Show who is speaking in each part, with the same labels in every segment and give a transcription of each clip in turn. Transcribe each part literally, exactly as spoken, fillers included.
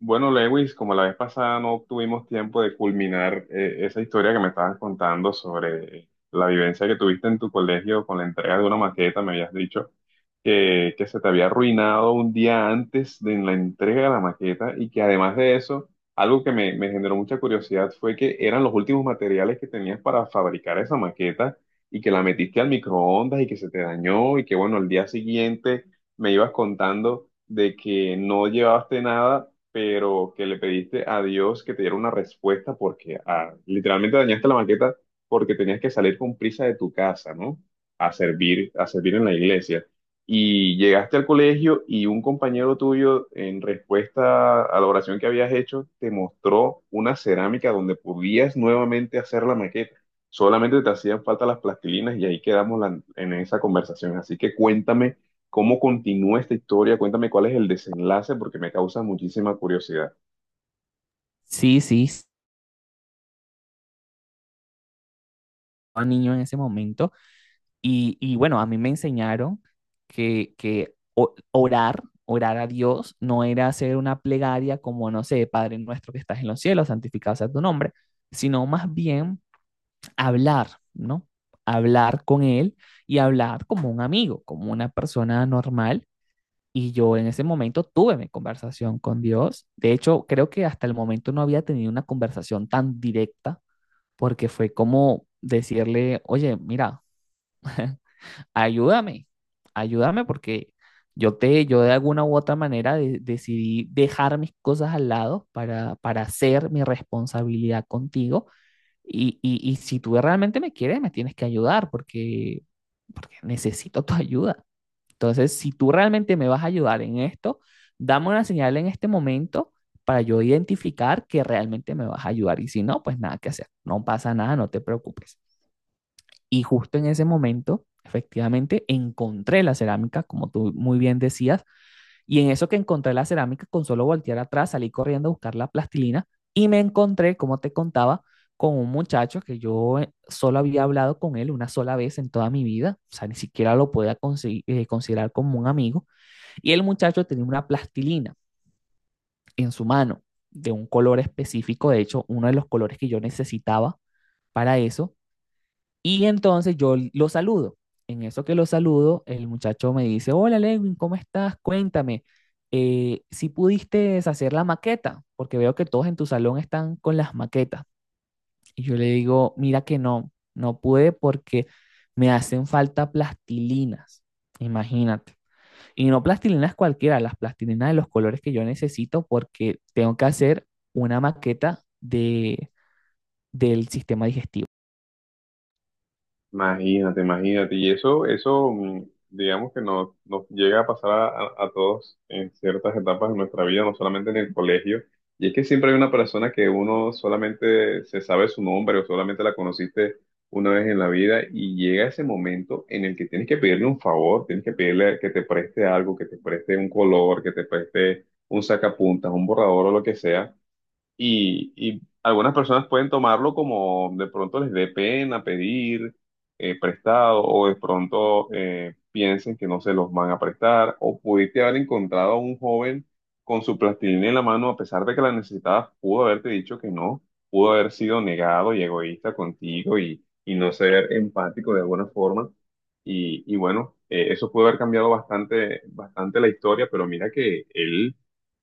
Speaker 1: Bueno, Lewis, como la vez pasada no tuvimos tiempo de culminar eh, esa historia que me estabas contando sobre eh, la vivencia que tuviste en tu colegio con la entrega de una maqueta, me habías dicho que, que se te había arruinado un día antes de la entrega de la maqueta y que además de eso, algo que me, me generó mucha curiosidad fue que eran los últimos materiales que tenías para fabricar esa maqueta y que la metiste al microondas y que se te dañó y que bueno, al día siguiente me ibas contando de que no llevaste nada pero que le pediste a Dios que te diera una respuesta porque ah, literalmente dañaste la maqueta porque tenías que salir con prisa de tu casa, ¿no? A servir, a servir en la iglesia. Y llegaste al colegio y un compañero tuyo, en respuesta a la oración que habías hecho, te mostró una cerámica donde podías nuevamente hacer la maqueta. Solamente te hacían falta las plastilinas y ahí quedamos la- en esa conversación. Así que cuéntame. ¿Cómo continúa esta historia? Cuéntame cuál es el desenlace porque me causa muchísima curiosidad.
Speaker 2: Sí, sí, sí, estaba niño en ese momento. Y, y bueno, a mí me enseñaron que, que o- orar, orar a Dios, no era hacer una plegaria como, no sé, Padre nuestro que estás en los cielos, santificado sea tu nombre, sino más bien hablar, ¿no? Hablar con Él y hablar como un amigo, como una persona normal. Y yo en ese momento tuve mi conversación con Dios. De hecho, creo que hasta el momento no había tenido una conversación tan directa porque fue como decirle, oye, mira, ayúdame, ayúdame porque yo te, yo de alguna u otra manera de- decidí dejar mis cosas al lado para, para hacer mi responsabilidad contigo. Y, y, y si tú realmente me quieres, me tienes que ayudar porque, porque necesito tu ayuda. Entonces, si tú realmente me vas a ayudar en esto, dame una señal en este momento para yo identificar que realmente me vas a ayudar. Y si no, pues nada que hacer. No pasa nada, no te preocupes. Y justo en ese momento, efectivamente, encontré la cerámica, como tú muy bien decías, y en eso que encontré la cerámica, con solo voltear atrás, salí corriendo a buscar la plastilina y me encontré, como te contaba, con un muchacho que yo eh, solo había hablado con él una sola vez en toda mi vida, o sea, ni siquiera lo podía consi- eh, considerar como un amigo, y el muchacho tenía una plastilina en su mano de un color específico, de hecho, uno de los colores que yo necesitaba para eso, y entonces yo lo saludo. En eso que lo saludo, el muchacho me dice, hola Lewin, ¿cómo estás? Cuéntame, eh, si pudiste hacer la maqueta, porque veo que todos en tu salón están con las maquetas. Y yo le digo, mira que no, no pude porque me hacen falta plastilinas, imagínate. Y no plastilinas cualquiera, las plastilinas de los colores que yo necesito porque tengo que hacer una maqueta de, del sistema digestivo.
Speaker 1: Imagínate, imagínate. Y eso, eso, mm, digamos que nos, nos llega a pasar a, a- a todos en ciertas etapas de nuestra vida, no solamente en el colegio. Y es que siempre hay una persona que uno solamente se sabe su nombre o solamente la conociste una vez en la vida y llega ese momento en el que tienes que pedirle un favor, tienes que pedirle que te preste algo, que te preste un color, que te preste un sacapuntas, un borrador o lo que sea. Y, y algunas personas pueden tomarlo como de pronto les dé pena pedir eh, prestado o de pronto eh, piensen que no se los van a prestar o pudiste haber encontrado a un joven con su plastilina en la mano a pesar de que la necesitabas, pudo haberte dicho que no, pudo haber sido negado y egoísta contigo y, y no ser empático de alguna forma. Y, y bueno, eh, eso pudo haber cambiado bastante, bastante la historia, pero mira que él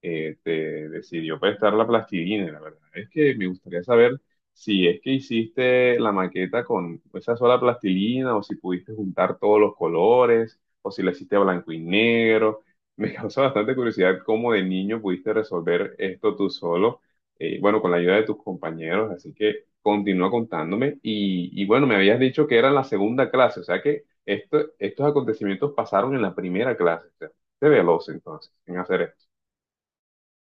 Speaker 1: este, decidió prestar la plastilina. La verdad es que me gustaría saber si es que hiciste la maqueta con esa sola plastilina o si pudiste juntar todos los colores o si la hiciste a blanco y negro. Me causa bastante curiosidad cómo de niño pudiste resolver esto tú solo, eh, bueno, con la ayuda de tus compañeros. Así que continúa contándome. Y, y bueno, me habías dicho que era en la segunda clase, o sea que esto- estos acontecimientos pasaron en la primera clase. O sea, te veloz entonces en hacer esto.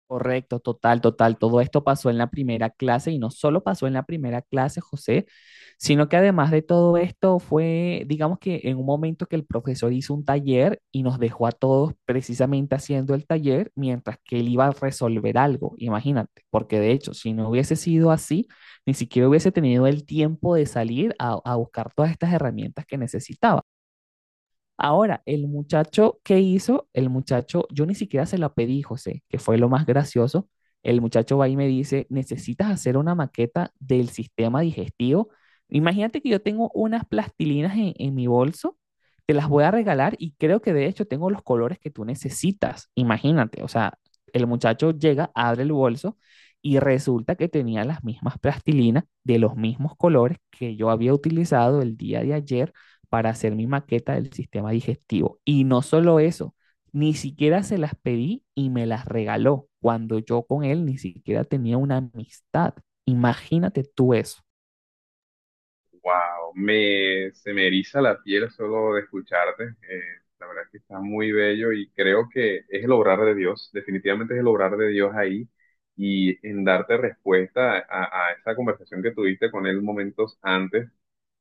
Speaker 2: Correcto, total, total. Todo esto pasó en la primera clase y no solo pasó en la primera clase, José, sino que además de todo esto fue, digamos que en un momento que el profesor hizo un taller y nos dejó a todos precisamente haciendo el taller mientras que él iba a resolver algo, imagínate, porque de hecho, si no hubiese sido así, ni siquiera hubiese tenido el tiempo de salir a, a buscar todas estas herramientas que necesitaba. Ahora, el muchacho, ¿qué hizo? El muchacho, yo ni siquiera se la pedí, José, que fue lo más gracioso. El muchacho va y me dice, necesitas hacer una maqueta del sistema digestivo. Imagínate que yo tengo unas plastilinas en, en mi bolso, te las voy a regalar y creo que de hecho tengo los colores que tú necesitas. Imagínate, o sea, el muchacho llega, abre el bolso y resulta que tenía las mismas plastilinas de los mismos colores que yo había utilizado el día de ayer para hacer mi maqueta del sistema digestivo. Y no solo eso, ni siquiera se las pedí y me las regaló cuando yo con él ni siquiera tenía una amistad. Imagínate tú eso.
Speaker 1: Wow, me, se me eriza la piel solo de escucharte. Eh, la verdad es que está muy bello y creo que es el obrar de Dios, definitivamente es el obrar de Dios ahí y en darte respuesta a, a esa conversación que tuviste con él momentos antes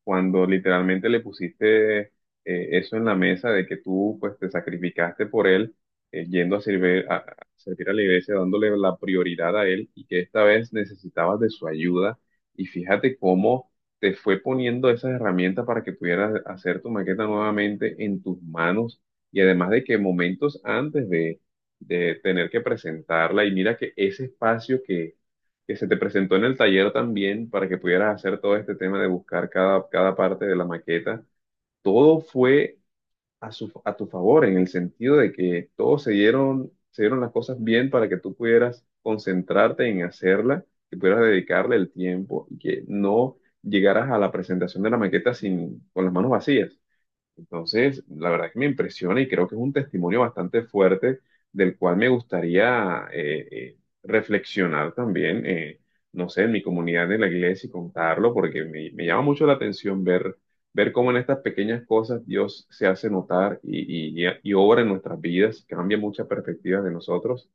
Speaker 1: cuando literalmente le pusiste eh, eso en la mesa de que tú pues te sacrificaste por él, eh, yendo a servir a, a servir a la iglesia dándole la prioridad a él y que esta vez necesitabas de su ayuda y fíjate cómo te fue poniendo esas herramientas para que pudieras hacer tu maqueta nuevamente en tus manos y además de que momentos antes de de tener que presentarla y mira que ese espacio que que se te presentó en el taller también para que pudieras hacer todo este tema de buscar cada, cada parte de la maqueta, todo fue a, su, a tu favor en el sentido de que todos se dieron, se dieron las cosas bien para que tú pudieras concentrarte en hacerla, que pudieras dedicarle el tiempo y que no llegaras a la presentación de la maqueta sin, con las manos vacías. Entonces, la verdad que me impresiona y creo que es un testimonio bastante fuerte del cual me gustaría eh, eh, reflexionar también, eh, no sé, en mi comunidad de la iglesia y contarlo, porque me, me llama mucho la atención ver, ver cómo en estas pequeñas cosas Dios se hace notar y, y- y obra en nuestras vidas, cambia muchas perspectivas de nosotros.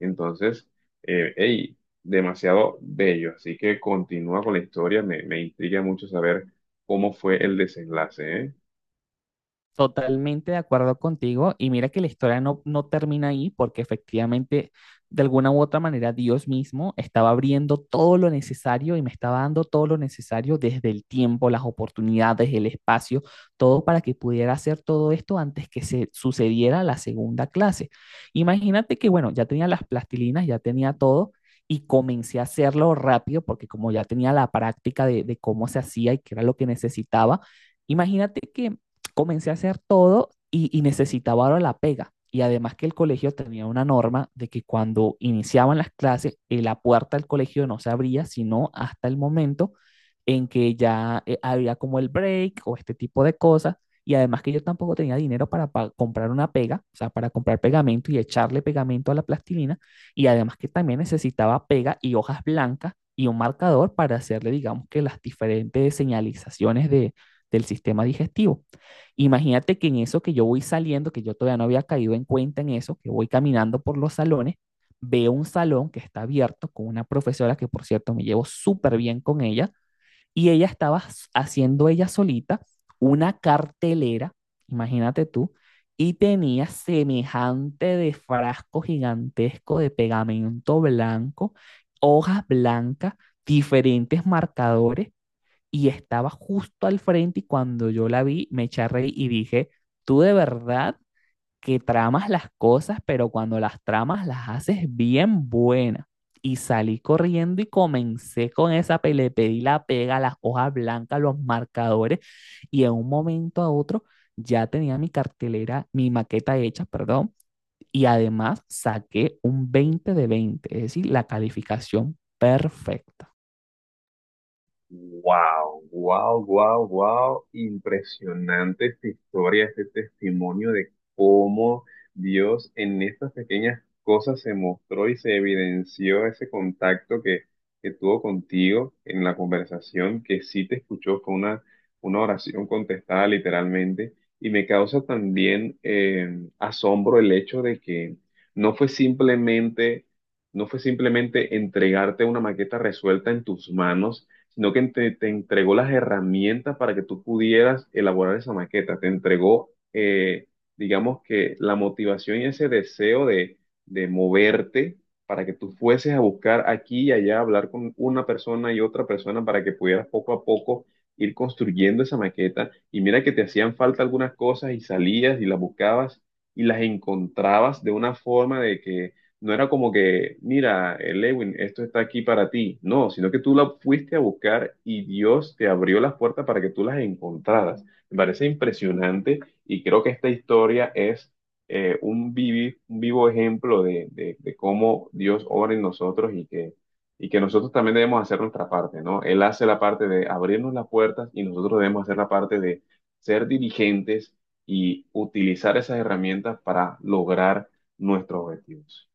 Speaker 1: Entonces, eh, hey, demasiado bello. Así que continúa con la historia, me, me intriga mucho saber cómo fue el desenlace, ¿eh?
Speaker 2: Totalmente de acuerdo contigo. Y mira que la historia no, no termina ahí porque efectivamente, de alguna u otra manera, Dios mismo estaba abriendo todo lo necesario y me estaba dando todo lo necesario desde el tiempo, las oportunidades, el espacio, todo para que pudiera hacer todo esto antes que se sucediera la segunda clase. Imagínate que, bueno, ya tenía las plastilinas, ya tenía todo. Y comencé a hacerlo rápido porque como ya tenía la práctica de, de cómo se hacía y qué era lo que necesitaba, imagínate que comencé a hacer todo y, y necesitaba ahora la pega. Y además que el colegio tenía una norma de que cuando iniciaban las clases, eh, la puerta del colegio no se abría, sino hasta el momento en que ya eh, había como el break o este tipo de cosas. Y además que yo tampoco tenía dinero para, pa- comprar una pega, o sea, para comprar pegamento y echarle pegamento a la plastilina. Y además que también necesitaba pega y hojas blancas y un marcador para hacerle, digamos que las diferentes señalizaciones de, del sistema digestivo. Imagínate que en eso que yo voy saliendo, que yo todavía no había caído en cuenta en eso, que voy caminando por los salones, veo un salón que está abierto con una profesora que, por cierto, me llevo súper bien con ella, y ella estaba haciendo ella solita una cartelera, imagínate tú, y tenía semejante de frasco gigantesco de pegamento blanco, hojas blancas, diferentes marcadores y estaba justo al frente y cuando yo la vi me eché a reír y dije, tú de verdad que tramas las cosas, pero cuando las tramas las haces bien buenas. Y salí corriendo y comencé con esa pele, le pedí la pega, las hojas blancas, los marcadores y en un momento a otro ya tenía mi cartelera, mi maqueta hecha, perdón, y además saqué un veinte de veinte, es decir, la calificación perfecta.
Speaker 1: Wow, wow, wow, wow. Impresionante esta historia, este testimonio de cómo Dios en estas pequeñas cosas se mostró y se evidenció ese contacto que, que tuvo contigo en la conversación, que sí te escuchó, fue una, una oración contestada literalmente. Y me causa también eh, asombro el hecho de que no fue simplemente no fue simplemente entregarte una maqueta resuelta en tus manos, sino que te, te entregó las herramientas para que tú pudieras elaborar esa maqueta, te entregó, eh, digamos que la motivación y ese deseo de, de moverte para que tú fueses a buscar aquí y allá, hablar con una persona y otra persona para que pudieras poco a poco ir construyendo esa maqueta. Y mira que te hacían falta algunas cosas y salías y las buscabas y las encontrabas de una forma de que no era como que, mira, eh, Lewin, esto está aquí para ti. No, sino que tú la fuiste a buscar y Dios te abrió las puertas para que tú las encontraras. Me parece impresionante y creo que esta historia es eh, un, vivi- un vivo ejemplo de, de- de cómo Dios obra en nosotros y que, y que nosotros también debemos hacer nuestra parte, ¿no? Él hace la parte de abrirnos las puertas y nosotros debemos hacer la parte de ser diligentes y utilizar esas herramientas para lograr nuestros objetivos.